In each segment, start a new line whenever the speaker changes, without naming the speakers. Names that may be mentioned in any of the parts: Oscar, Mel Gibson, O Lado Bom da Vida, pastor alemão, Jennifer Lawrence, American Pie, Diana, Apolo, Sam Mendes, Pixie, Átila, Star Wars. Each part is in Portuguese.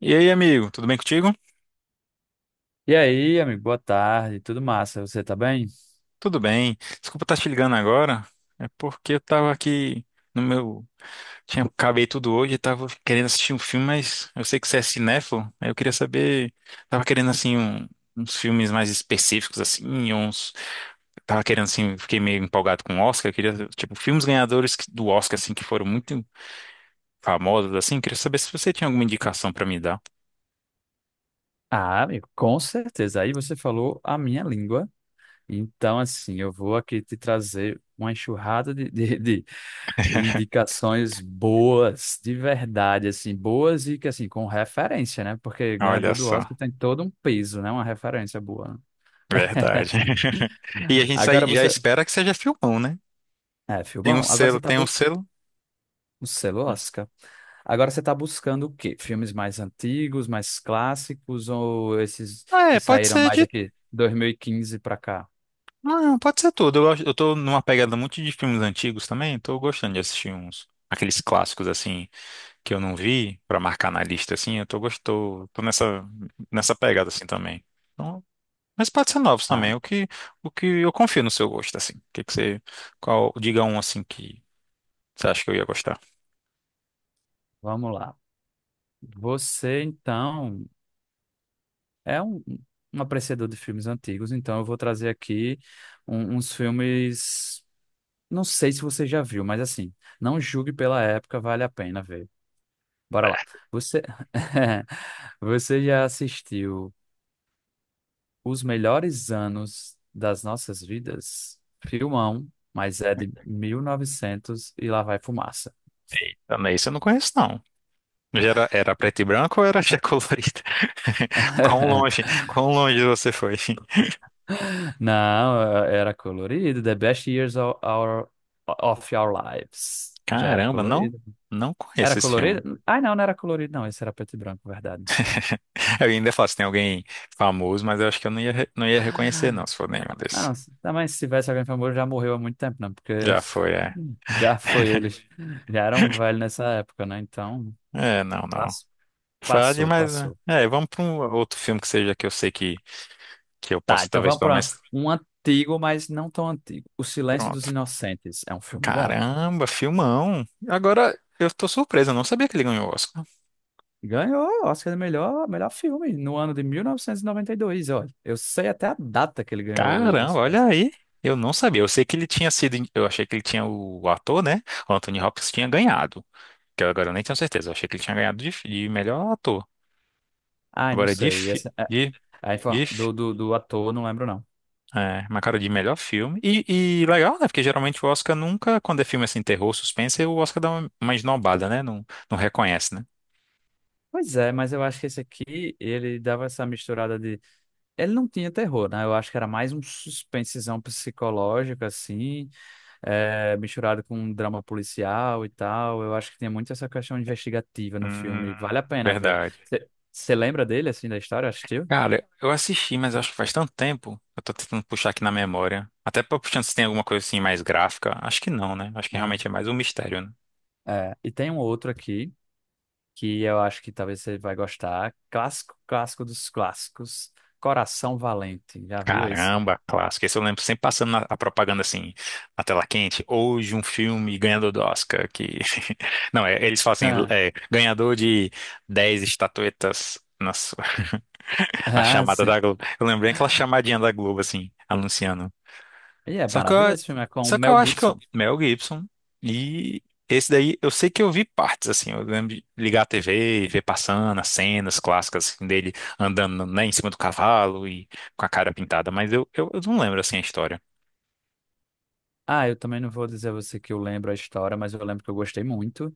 E aí, amigo, tudo bem contigo?
E aí, amigo, boa tarde, tudo massa, você tá bem?
Tudo bem. Desculpa estar te ligando agora. É porque eu tava aqui no meu. Tinha... Acabei tudo hoje e tava querendo assistir um filme, mas eu sei que você é cinéfilo. Aí eu queria saber. Tava querendo, assim, uns filmes mais específicos, assim, uns. Tava querendo, assim, fiquei meio empolgado com o Oscar. Eu queria, tipo, filmes ganhadores do Oscar, assim, que foram muito famosos, assim. Eu queria saber se você tinha alguma indicação pra me dar.
Ah, amigo, com certeza. Aí você falou a minha língua. Então, assim, eu vou aqui te trazer uma enxurrada de indicações boas, de verdade, assim, boas e que, assim, com referência, né? Porque ganhador
Olha
do
só.
Oscar tem todo um peso, né? Uma referência boa, né.
Verdade. E a gente
Agora
já
você.
espera que seja filmão, né?
É,
Tem um
Filbão, agora você
selo,
tá.
tem um selo.
Você
Hum.
lasca. Agora você está buscando o quê? Filmes mais antigos, mais clássicos ou esses
Ah,
que
é, pode
saíram
ser
mais
de.
aqui 2015 para cá?
Não, pode ser tudo. Eu eu tô numa pegada muito de filmes antigos também, tô gostando de assistir uns. Aqueles clássicos, assim, que eu não vi, pra marcar na lista, assim, eu tô gostou, tô nessa pegada, assim, também. Então, mas pode ser novos também,
Ah,
o que eu confio no seu gosto, assim. O que que você, qual, diga um, assim, que você acha que eu ia gostar?
vamos lá. Você então é um apreciador de filmes antigos, então eu vou trazer aqui uns filmes. Não sei se você já viu, mas assim, não julgue pela época, vale a pena ver. Bora lá. Você, Você já assistiu? Os melhores anos das nossas vidas. Filmão, mas é de 1900 e lá vai fumaça.
Também isso eu não conheço, não. Já era, era preto e branco ou era já colorido? Quão longe você foi?
Não, era colorido. The best years of our lives. Já era
Caramba, não,
colorido.
não conheço
Era
esse filme.
colorido? Ai, não, não era colorido, não. Esse era preto e branco, verdade.
Eu ainda falo se tem alguém famoso, mas eu acho que eu não ia, não ia reconhecer, não,
Ah,
se for nenhum desses.
não, também se tivesse alguém famoso, já morreu há muito tempo, né? Porque
Já foi, é.
já foi eles. Já eram velhos nessa época, né? Então,
É, não, não.
pass-
Frade,
passou,
mas né?
passou.
É, vamos para um outro filme que seja que eu sei que eu
Tá,
posso
então
talvez
vamos
para
para
mais.
um antigo, mas não tão antigo. O Silêncio dos
Pronto.
Inocentes é um filme bom.
Caramba, filmão. Agora eu tô surpreso, eu não sabia que ele ganhou o Oscar.
Ganhou o Oscar de melhor filme no ano de mil novecentos e noventa e dois. Olha, eu sei até a data que ele ganhou
Caramba,
esse
olha
Oscar.
aí. Eu não sabia. Eu sei que ele tinha sido, eu achei que ele tinha o ator, né? O Anthony Hopkins tinha ganhado. Que eu agora nem tenho certeza. Eu achei que ele tinha ganhado de melhor ator.
Ai, não
Agora de,
sei.
fi-
Essa, é, a
de
info- do ator, não lembro não.
é, uma cara de melhor filme. E legal, né? Porque geralmente o Oscar nunca, quando é filme assim, terror, suspense, o Oscar dá uma esnobada, né? Não, não reconhece, né?
Pois é, mas eu acho que esse aqui, ele dava essa misturada de... Ele não tinha terror, né? Eu acho que era mais um suspensezão psicológico, assim, misturado com um drama policial e tal. Eu acho que tem muito essa questão investigativa no
Hum,
filme. Vale a pena ver.
verdade.
Você lembra dele, assim, da história? Assistiu?
Cara, eu assisti, mas acho que faz tanto tempo. Eu tô tentando puxar aqui na memória. Até pra puxando se tem alguma coisa assim mais gráfica. Acho que não, né? Acho que
Não.
realmente é mais um mistério, né?
É, e tem um outro aqui que eu acho que talvez você vai gostar. Clássico, clássico dos clássicos. Coração Valente. Já viu esse?
Caramba, clássico. Esse eu lembro sempre passando a propaganda assim, na tela quente. Hoje um filme ganhador do Oscar que... Não, é, eles falam assim, é, ganhador de 10 estatuetas na sua... a
Ah,
chamada
sim.
da Globo. Eu lembrei aquela chamadinha da Globo assim, anunciando.
E é
Só que
maravilhoso
eu,
esse filme. É com o
só que
Mel
eu acho que eu,
Gibson.
Mel Gibson e esse daí eu sei que eu vi partes assim, eu lembro de ligar a TV e ver passando as cenas clássicas assim, dele andando né, em cima do cavalo e com a cara pintada, mas eu não lembro assim a história.
Ah, eu também não vou dizer a você que eu lembro a história, mas eu lembro que eu gostei muito.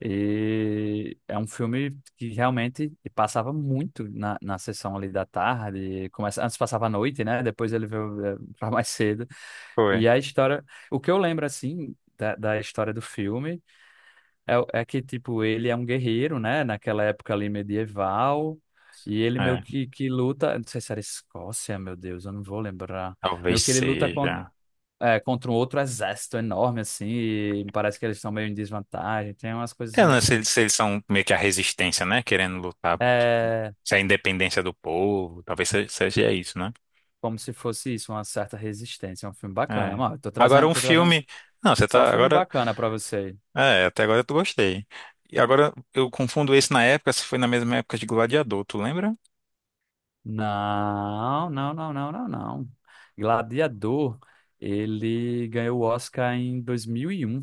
E é um filme que realmente passava muito na sessão ali da tarde. Começa, antes passava à noite, né? Depois ele veio pra mais cedo.
Foi.
E a história. O que eu lembro, assim, da história do filme é que, tipo, ele é um guerreiro, né? Naquela época ali medieval. E ele meio
É,
que luta. Não sei se era Escócia, meu Deus, eu não vou lembrar. Meio
talvez
que ele luta com,
seja.
contra um outro exército enorme, assim. E parece que eles estão meio em desvantagem. Tem umas coisas
Eu
meio
não
assim.
sei se eles são meio que a resistência, né? Querendo lutar.
É
Se é a independência do povo, talvez seja isso, né?
como se fosse isso, uma certa resistência. É um filme bacana,
É.
mano. Tô
Agora
trazendo,
um
tô trazendo
filme. Não, você
só
tá.
filme
Agora.
bacana pra você.
É, até agora eu tô gostei. E agora eu confundo esse na época, se foi na mesma época de Gladiador, tu lembra?
Não, não, não, não, não, não. Gladiador, ele ganhou o Oscar em 2001.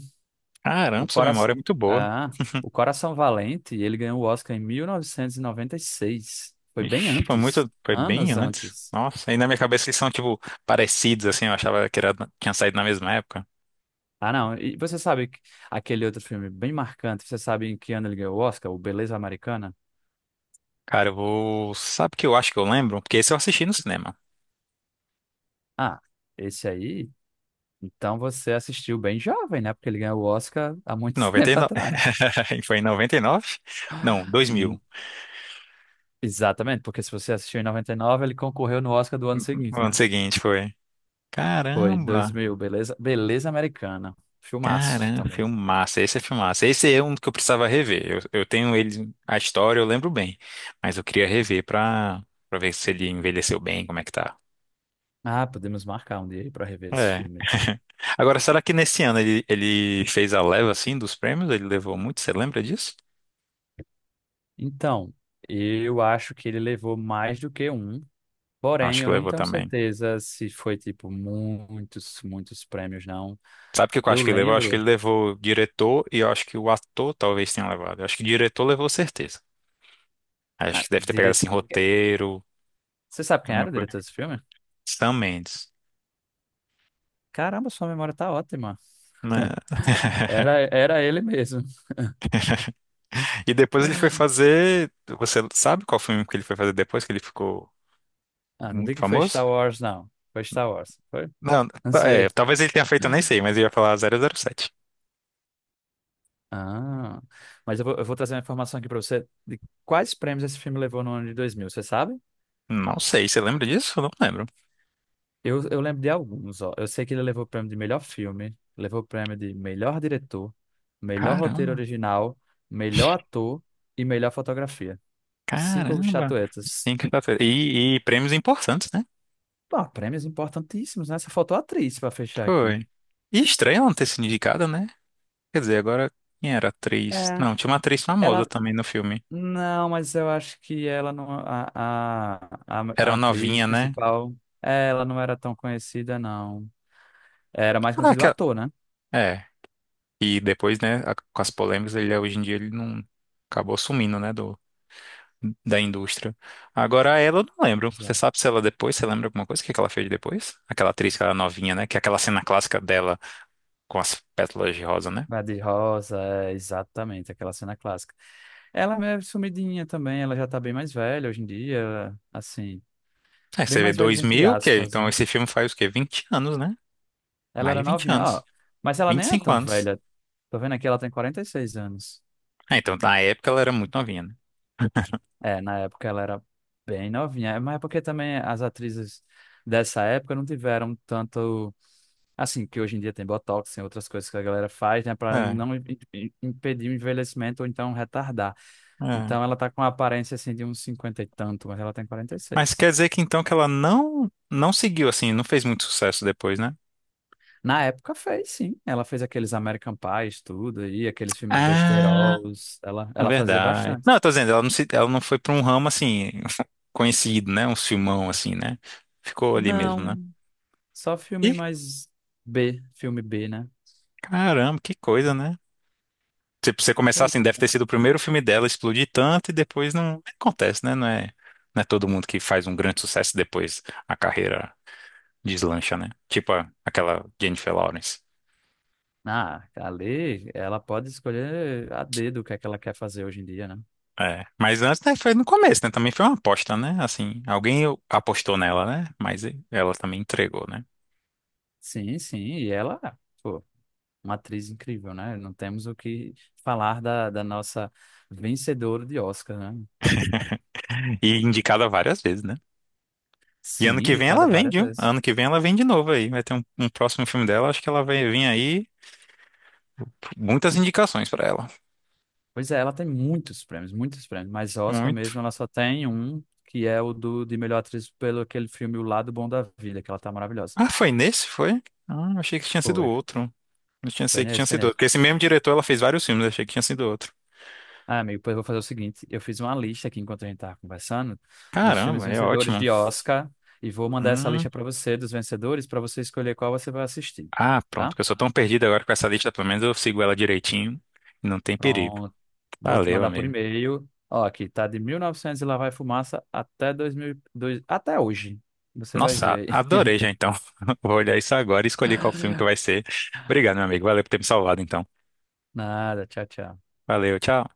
O
Caramba, sua
Cora...
memória é muito boa.
o Coração Valente, ele ganhou o Oscar em mil novecentos e noventa e seis. Foi bem
Ixi, foi
antes,
muito, foi bem
anos
antes.
antes.
Nossa, e na minha cabeça eles são tipo parecidos assim, eu achava que era, tinha saído na mesma época.
Ah, não. E você sabe aquele outro filme bem marcante? Você sabe em que ano ele ganhou o Oscar? O Beleza Americana?
Cara, eu vou, sabe o que eu acho que eu lembro? Porque esse eu assisti no cinema.
Ah, esse aí. Então você assistiu bem jovem, né? Porque ele ganhou o Oscar há muito tempo
99.
atrás.
Foi em 99? Não,
Hum,
2000.
Exatamente, porque se você assistiu em 99, ele concorreu no Oscar do ano
No
seguinte,
ano
né?
seguinte foi.
Foi
Caramba.
2000, beleza americana. Filmaço
Caramba,
também.
filmaço. Esse é filmaço. Esse é um que eu precisava rever. Eu tenho ele, a história eu lembro bem, mas eu queria rever pra ver se ele envelheceu bem, como é que tá.
Ah, podemos marcar um dia aí para rever esse
É.
filme.
Agora, será que nesse ano ele fez a leva assim dos prêmios? Ele levou muito? Você lembra disso?
Então, eu acho que ele levou mais do que um, porém
Acho que
eu não
levou
tenho
também.
certeza se foi tipo muitos, muitos prêmios, não.
Sabe o que eu
Eu
acho que ele levou? Eu acho que
lembro,
ele levou o diretor e eu acho que o ator talvez tenha levado. Eu acho que o diretor levou certeza. Acho
ah,
que deve ter pegado
dire...
assim roteiro,
você sabe quem
alguma
era o
coisa.
diretor desse filme?
Sam Mendes.
Caramba, sua memória tá ótima.
Né?
Era ele mesmo.
E depois ele foi fazer. Você sabe qual filme que ele foi fazer depois que ele ficou
Ah, não
muito
diga que foi
famoso?
Star Wars, não. Foi Star Wars, foi?
Não,
Não
é,
sei.
talvez ele tenha feito, eu nem sei, mas eu ia falar zero zero sete.
Ah, mas eu vou trazer uma informação aqui para você de quais prêmios esse filme levou no ano de 2000, você sabe?
Não sei, você lembra disso? Eu não lembro.
Eu lembro de alguns, ó. Eu sei que ele levou o prêmio de melhor filme, levou o prêmio de melhor diretor, melhor roteiro
Caramba,
original, melhor ator e melhor fotografia. Cinco
caramba.
estatuetas.
Sim, quinta-feira. E prêmios importantes, né?
Pô, prêmios importantíssimos, né? Só faltou a atriz para fechar aqui.
Foi. E estranho ela não ter sido indicada, né? Quer dizer, agora quem era a atriz?
É.
Não, tinha uma atriz famosa
ela
também no filme.
Não, mas eu acho que ela não. A, a, a,
Era
a
uma
atriz
novinha, né?
principal, ela não era tão conhecida, não. Era mais conhecido o
Caraca.
ator, né?
É. E depois, né, com as polêmicas, ele hoje em dia ele não acabou sumindo, né, do, da indústria. Agora ela eu não lembro. Você
Exato.
sabe se ela depois, você lembra alguma coisa? O que é que ela fez depois? Aquela atriz que era novinha, né? Que é aquela cena clássica dela com as pétalas de rosa, né?
Bad Rosa, exatamente, aquela cena clássica. Ela é meio sumidinha também, ela já tá bem mais velha hoje em dia, assim,
É,
bem
você vê
mais velha entre
2000, o quê?
aspas,
Então
né?
esse filme faz o quê? 20 anos, né?
Ela
Mais
era
de 20
novinha, ó,
anos.
mas ela
vinte e
nem é
cinco
tão
anos.
velha. Tô vendo aqui, ela tem 46 anos.
É, então na época ela era muito novinha, né?
É, na época ela era bem novinha. É, mas é porque também as atrizes dessa época não tiveram tanto, assim, que hoje em dia tem botox, tem outras coisas que a galera faz, né, para
É,
não impedir o envelhecimento ou então retardar.
é.
Então ela tá com a aparência assim de uns 50 e tanto, mas ela tem quarenta e
Mas
seis.
quer dizer que então que ela não não seguiu assim, não fez muito sucesso depois, né?
Na época fez, sim. Ela fez aqueles American Pies, tudo e aqueles filmes
Ah,
besteiros, ela
é
ela fazia
verdade.
bastante.
Não, eu tô dizendo, ela não se, ela não foi pra um ramo assim conhecido, né? Um filmão assim, né? Ficou ali mesmo, né?
Não, só filme
E
mais B, filme B, né?
caramba, que coisa, né? Se você começar
Pois
assim, deve ter
é.
sido o primeiro filme dela explodir tanto e depois não acontece, né? Não é, não é todo mundo que faz um grande sucesso e depois a carreira deslancha, né? Tipo aquela Jennifer Lawrence.
Ah, ali ela pode escolher a dedo o que é que ela quer fazer hoje em dia, né?
É, mas antes, né, foi no começo, né? Também foi uma aposta, né? Assim, alguém apostou nela, né? Mas ela também entregou, né?
Sim, sim, e ela, pô, uma atriz incrível, né? Não temos o que falar da nossa vencedora de Oscar, né?
E indicada várias vezes, né? E
Sim,
ano que vem
indicada
ela vem,
várias
viu?
vezes.
Ano que vem ela vem de novo aí. Vai ter um próximo filme dela. Acho que ela vai vir aí. Muitas indicações pra ela.
Pois é, ela tem muitos prêmios, mas Oscar mesmo
Muito.
ela só tem um, que é de melhor atriz pelo aquele filme O Lado Bom da Vida, que ela tá maravilhosa.
Ah, foi nesse? Foi? Ah, achei que tinha sido
Foi,
outro. Eu tinha
foi
sei que tinha
nesse, foi
sido outro.
nesse.
Porque esse mesmo diretor ela fez vários filmes. Achei que tinha sido outro.
Ah, amigo, pois eu vou fazer o seguinte: eu fiz uma lista aqui enquanto a gente estava conversando dos filmes
Caramba, é
vencedores
ótimo.
de Oscar e vou mandar essa
Hum.
lista para você dos vencedores para você escolher qual você vai assistir,
Ah, pronto.
tá?
Que eu sou tão perdido agora com essa lista. Pelo menos eu sigo ela direitinho. Não tem perigo.
Pronto. Vou te
Valeu,
mandar por
amigo.
e-mail. Ó, aqui tá de 1900 e novecentos e lá vai fumaça até 2002, até hoje. Você vai
Nossa,
ver aí.
adorei já então. Vou olhar isso agora e escolher qual filme que vai ser. Obrigado, meu amigo. Valeu por ter me salvado então.
Nada, tchau, tchau.
Valeu, tchau.